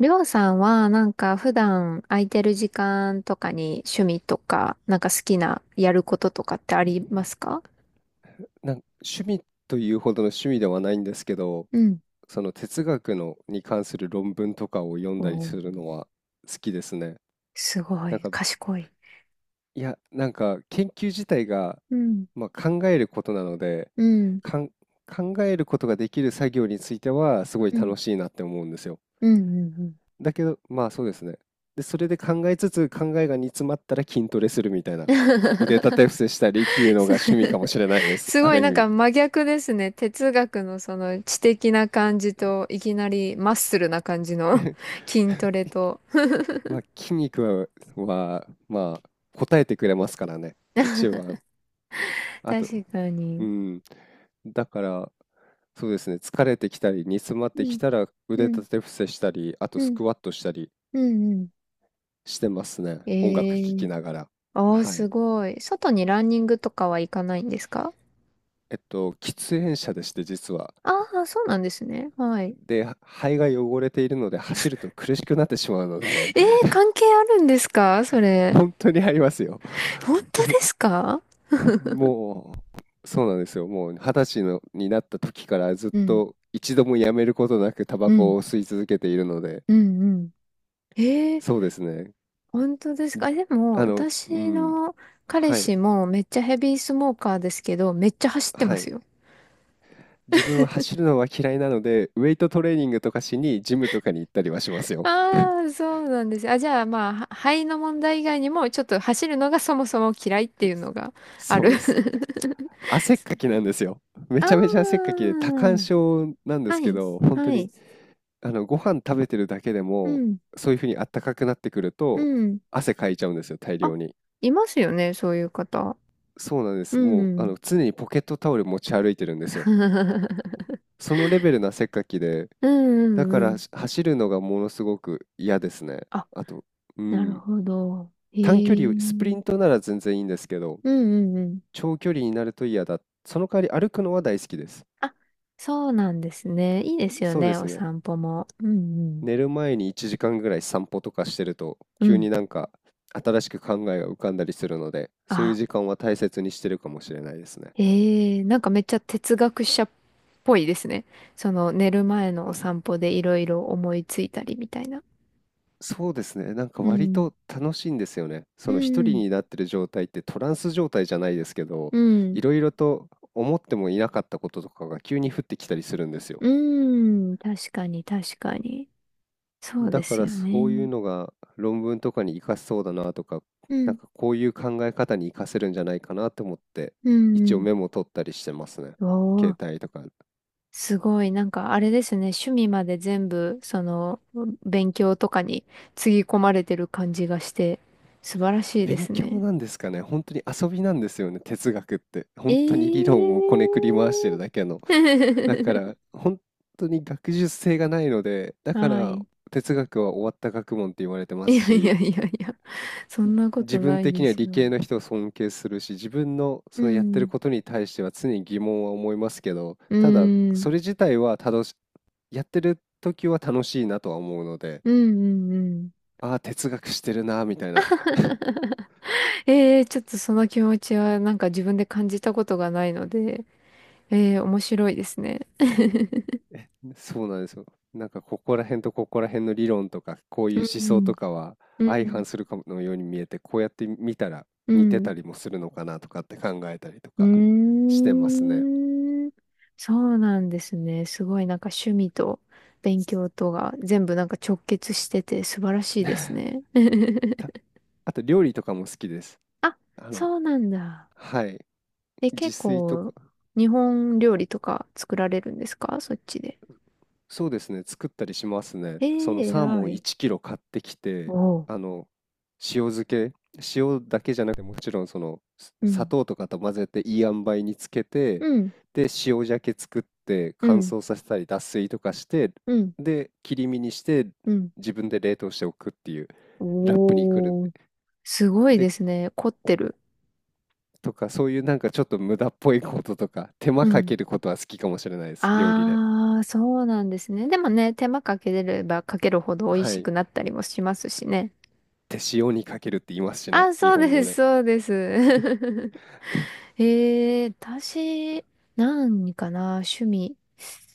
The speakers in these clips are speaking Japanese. りょうさんは、なんか普段空いてる時間とかに趣味とか、なんか好きなやることとかってありますか？趣味というほどの趣味ではないんですけど、うん。その哲学のに関する論文とかを読んだりおするー、のは好きですね。すごなんい、か、賢い。いや、なんか研究自体が、うん、まあ、考えることなので、うん、かん、考えることができる作業についてはすごいうん、楽しいなって思うんですよ。うん、うん、うん。 だけど、まあそうですね。で、それで考えつつ、考えが煮詰まったら筋トレするみたいな。腕立て伏せしたりっていうのが趣味かもしすれないです。すあごいる意なんか味。真逆ですね。哲学のその知的な感じと、いきなりマッスルな感じの 筋トレと。まあ筋肉は、はまあ、答えてくれますからね。一番。あと、確かうに。ん。だから、そうですね。疲れてきたり、煮詰まっうてきん、たらう腕ん、立て伏せしたり、あとうスん、クワットしたりうん、うん。してますね。音楽聴えきえ、ながら。おーはすい。ごい。外にランニングとかは行かないんですか？喫煙者でして、実は。ああー、そうなんですね。はい。で、肺が汚れているので走ると苦しくなってしまうので、えー、関係あるんですかそ れ。本当にありますよ。本当いえ、ですか？もう、そうなんですよ。もう二十歳のになった時からずっうん、と一度もやめることなくタうバコん、を吸い続けているので、うん、うん。えー、そうですね。本当ですか？え、でも、う私ん。の彼はい。氏もめっちゃヘビースモーカーですけど、めっちゃ走ってまはすい。よ。自分は走るのは嫌いなので、ウェイトトレーニングとかしにジムとかに行ったりはしますよ。ああ、そうなんです。あ、じゃあ、まあ、は肺の問題以外にも、ちょっと走るのがそもそも嫌いっていうのがあそうる。です。汗っかき なんですよ。めあちゃめちゃ汗っかあ、きで多汗症なんではすけい。ど、本当はにい。あのご飯食べてるだけでうもん。そういうふうにあったかくなってくるうとん。汗かいちゃうんですよ、大あ、量に。いますよね、そういう方。そうなんでうす。もうあん。の常にポケットタオル持ち歩いてるんですよ。そのレベルの汗っかきで、うだんうかんうらん。し走るのがものすごく嫌ですね。あ、あと、うなるん、ほど。へ短距え。う離スプリんントなら全然いいんですけど、うんうん。長距離になると嫌だ。その代わり歩くのは大好きです。あ、そうなんですね。いいですよそうでね、おすね。散歩も。うんうん。寝る前に1時間ぐらい散歩とかしてるとう急ん。になんか新しく考えが浮かんだりするのでそういうあ、時間は大切にしてるかもしれないですね。へえ、なんかめっちゃ哲学者っぽいですね。その寝る前のお散歩でいろいろ思いついたりみたいな。そうですね。なんかう割ん。と楽しいんですよね。うその一んう人ん。になってる状態ってトランス状態じゃないですけど、ういん。ろいろと思ってもいなかったこととかが急に降ってきたりするんですよ。うーん、確かに確かに。そうだでかすらよそういうね。のが論文とかに活かせそうだなとか、うなんん、かこういう考え方に活かせるんじゃないかなと思って、う一応ん、メモ取ったりしてますね。うん。お携ー、帯とか。すごい。なんかあれですね。趣味まで全部、その、勉強とかにつぎ込まれてる感じがして、素晴らしいで勉す強ね。なんですかね。本当に遊びなんですよね、哲学って。え本当に理論をこー。ねくり回してるだけの。だから、本当に学術性がないので、だかはらい。哲学は終わった学問って言われてまいすやいやし、いやいや、そんなこ自と分ない的でにはす理よ。系の人を尊敬するし、自分のうそのやってるん、ことに対しては常に疑問は思いますけど、うただん、それ自体は楽し、やってる時は楽しいなとは思うので、うん、うん、うん。ああ、哲学してるな、みたいな。ええ、ちょっとその気持ちはなんか自分で感じたことがないので、ええ、面白いですね。え、そうなんですよ。なんかここら辺とここら辺の理論とか、こういうう思想んとかはうん。相反うするかのように見えて、こうやって見たら似てん。たりもするのかなとかって考えたりとうかしてますね。ん。うーん。そうなんですね。すごいなんか趣味と勉強とが全部なんか直結してて素晴らしいですね。た、あと料理とかも好きです。あ、あの、そうなんだ。はい。え、自結炊と構か、日本料理とか作られるんですかそっちで。そうですね、作ったりしますね。えそのえ、サーモ偉ンい。1キロ買ってきて、おう。あの、塩漬け、塩だけじゃなくて、もちろんその、すう砂ん。糖とかと混ぜていい塩梅につけて、うん。で、塩鮭作ってう乾ん。燥させたり脱水とかして、うん。で、切り身にしてうん。自分で冷凍しておくっていう、ラップにくるんおで。ー、すごいで、ですね。凝ってる。とか、そういうなんかちょっと無駄っぽいこととか、手う間かん。けることは好きかもしれないです、料理で。あー、そうなんですね。でもね、手間かけれればかけるほど美味はしくい。なったりもしますしね。手塩にかけるって言いますしあ、ね、日そうで本語す、で。そうです。えー、私、何かな、趣味。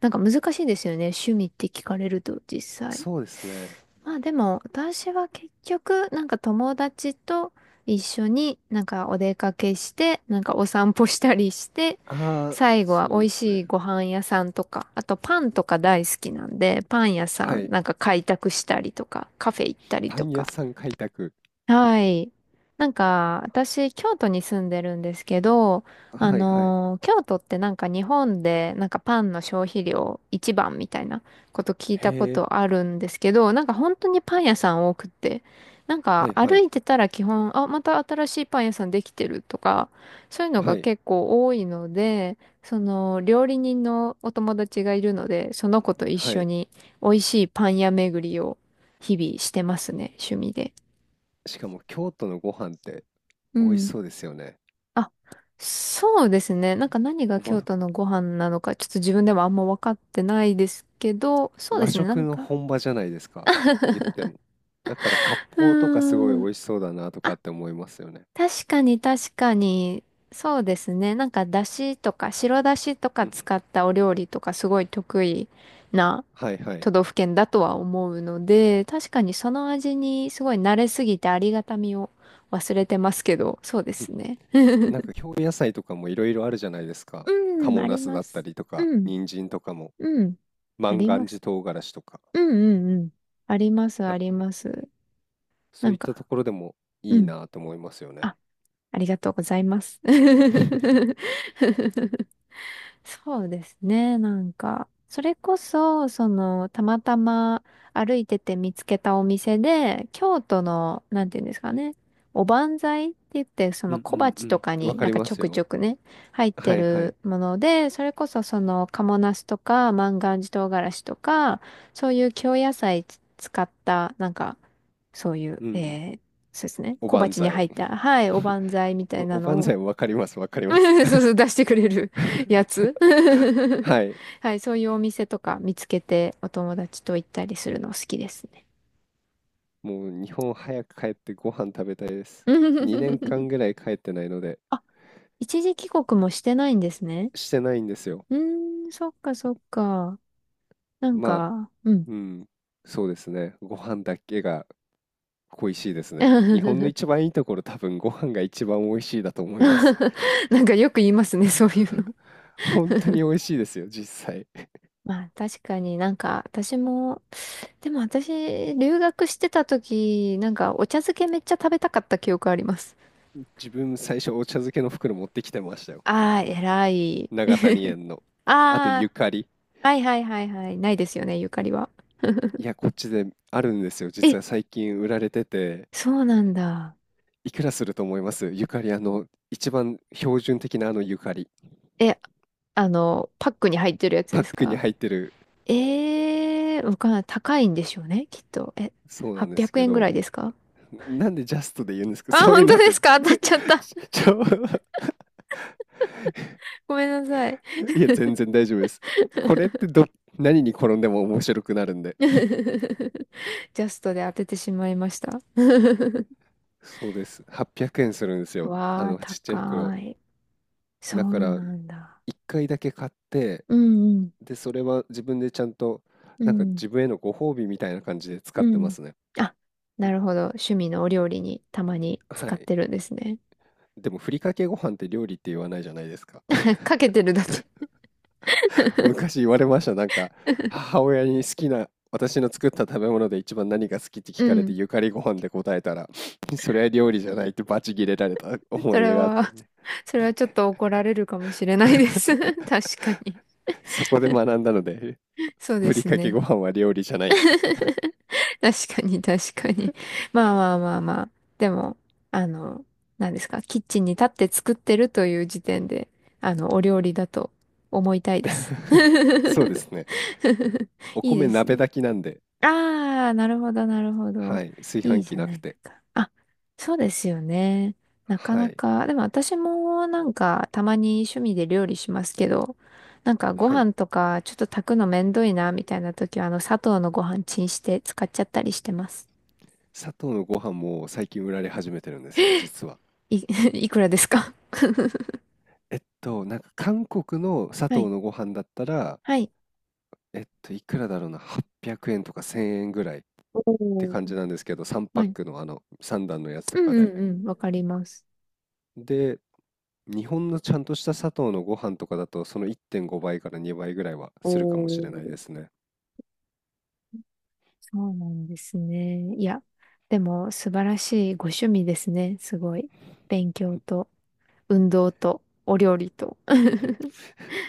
なんか難しいですよね。趣味って聞かれると実際。そうですね。まあでも私は結局なんか友達と一緒になんかお出かけしてなんかお散歩したりして、ああ、最後は美そうで味すしね。いご飯屋さんとかあとパンとか大好きなんでパン屋さはんい。なんか開拓したりとかカフェ行ったりパとン屋か。さん開拓。はい。なんか、私、京都に住んでるんですけど、はいはい。京都ってなんか日本で、なんかパンの消費量一番みたいなこと聞いへたこえ、とあるんですけど、なんか本当にパン屋さん多くって、なんはかいは歩い。いてたら基本、あ、また新しいパン屋さんできてるとか、そういうのはがい。結構多いので、その、料理人のお友達がいるので、その子と一は緒い。に美味しいパン屋巡りを日々してますね、趣味で。しかも京都のご飯ってう美味しん。そうですよね。あ、そうですね。なんか何が和、京都のご飯なのか、ちょっと自分でもあんま分かってないですけど、そうで和すね。な食んのか、本場じゃないですか。言っても。だから割う烹とかすごい美ーん。味しそうだなとかっあ、て思いますよね。確かに確かに、そうですね。なんか、だしとか、白だしとかうん。使ったお料理とか、すごい得意なはいはい。都道府県だとは思うので、確かにその味にすごい慣れすぎてありがたみを忘れてますけど、そうでうん、すね。なんか 京野菜とかもいろいろあるじゃないですか。う賀ん、茂あナりスまだったす。りとか、うん、人参とかも。うん、あ万りま願す。寺唐辛子とか、うんうんうん。あります、なあんりか、ます。そなうんいったとか、ころでもいういん。なと思いますよね。あ、ありがとうございます。そうですね、なんか。それこそ、その、たまたま歩いてて見つけたお店で、京都の、なんていうんですかね、おばんざいって言って、そうのん小う鉢とんかうん。わにかなんりかまちょすくちよ。ょくね、入ってはいはるい。もので、それこそその、賀茂なすとか、万願寺唐辛子とか、そういう京野菜使った、なんか、そういう、うんうん。えー、そうですね、お小ばん鉢にざい。入った、はい、お ばんざいみたいなお、おばのんざを、いもわかります、わかります。そうそう、出してくれる や つ。はい。はい、そういうお店とか見つけてお友達と行ったりするの好きですね。もう日本早く帰ってご飯食べたいです。2年間 ぐらい帰ってないので、あ、一時帰国もしてないんですね。してないんですよ。うーん、そっかそっか。なんまあ、か、うん。うん、そうですね。ご飯だけが恋しいですね。日本の 一番いいところ、多分ご飯が一番美味しいだと思います。なんかよく言いますね、そういうの。本当に美味しいですよ、実際。まあ確かになんか私も、でも私留学してた時、なんかお茶漬けめっちゃ食べたかった記憶あります。自分最初お茶漬けの袋持ってきてましたよ。ああ、偉い。長谷園の。あとあゆかり。あ。はいはいはいはい。ないですよね、ゆかりは。いや、こっちであるんですよ。実え、は最近売られてて、そうなんだ。いくらすると思いますゆかり、あの、一番標準的なあのゆかり。え、あの、パックに入ってるやつパでッすクにか？入ってる、ええー、わかんない。高いんでしょうね、きっと。え、そうなんで800すけ円ぐらど、いですか？なんでジャストで言うんですかあ、そういう本当のっでて。すか 当たっぜちゃった。ちちょ、ごめんなさい。いや、全然大丈夫です。これってど、何に転んでも面白くなるんで。ジャストで当ててしまいました。そうです。800円するんですよ。あわあ、の、ちっちゃい袋。高い。そだかうら、なんだ。1回だけ買って、うんうん、で、それは自分でちゃんと、うなんかん、自分へのご褒美みたいな感じで使っうてまん。すね。あ、なるほど。趣味のお料理にたまには使っい。てるんですね。でも、ふりかけご飯って料理って言わないじゃないですか。かけてるだけ。昔言われました。なんか、母親に好きな、私の作った食べ物で一番何が好きってう聞かれて、ん。ゆかりご飯で答えたら、それは料理じゃないってバチ切れられた思そいれ出があったは、ね。それはちょっと怒られるかもしれないです。確かに。そこで学んだので、そうでふりすかけね。ご飯は料理じゃないって。確かに、確かに。まあまあまあまあ。でも、あの、何ですか、キッチンに立って作ってるという時点で、あの、お料理だと思いたいです。そうですね。おいい米です鍋ね。炊きなんで、ああ、なるほど、なるほはど。い、炊いい飯じ器ゃななくいでて。すか。あ、そうですよね。なかはない、か、でも私もなんかたまに趣味で料理しますけど、なんかごはい。飯とかちょっと炊くのめんどいなみたいな時はあの砂糖のご飯チンして使っちゃったりしてます。佐藤のご飯も最近売られ始めてるんですよ、実は。い、いくらですか えっと、なんか韓国の佐はい。藤のご飯だったら、はい。えっと、いくらだろうな、800円とか1000円ぐらいっおてー、感じなんですけど、3パはッい。クのあの3段のやつとうんかで。うんうん。わかります。で、日本のちゃんとした佐藤のご飯とかだと、その1.5倍から2倍ぐらいはおするかもしれないー、ですね。そうなんですね。いや、でも素晴らしいご趣味ですね。すごい。勉強と、運動と、お料理と。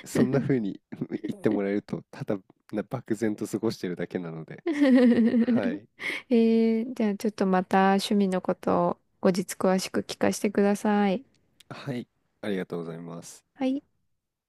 そんな風に 言ってもらえると、ただ漠然と過ごしてるだけなので、えはい。ー、じゃあちょっとまた趣味のことを後日詳しく聞かせてください。はい、ありがとうございます。はい。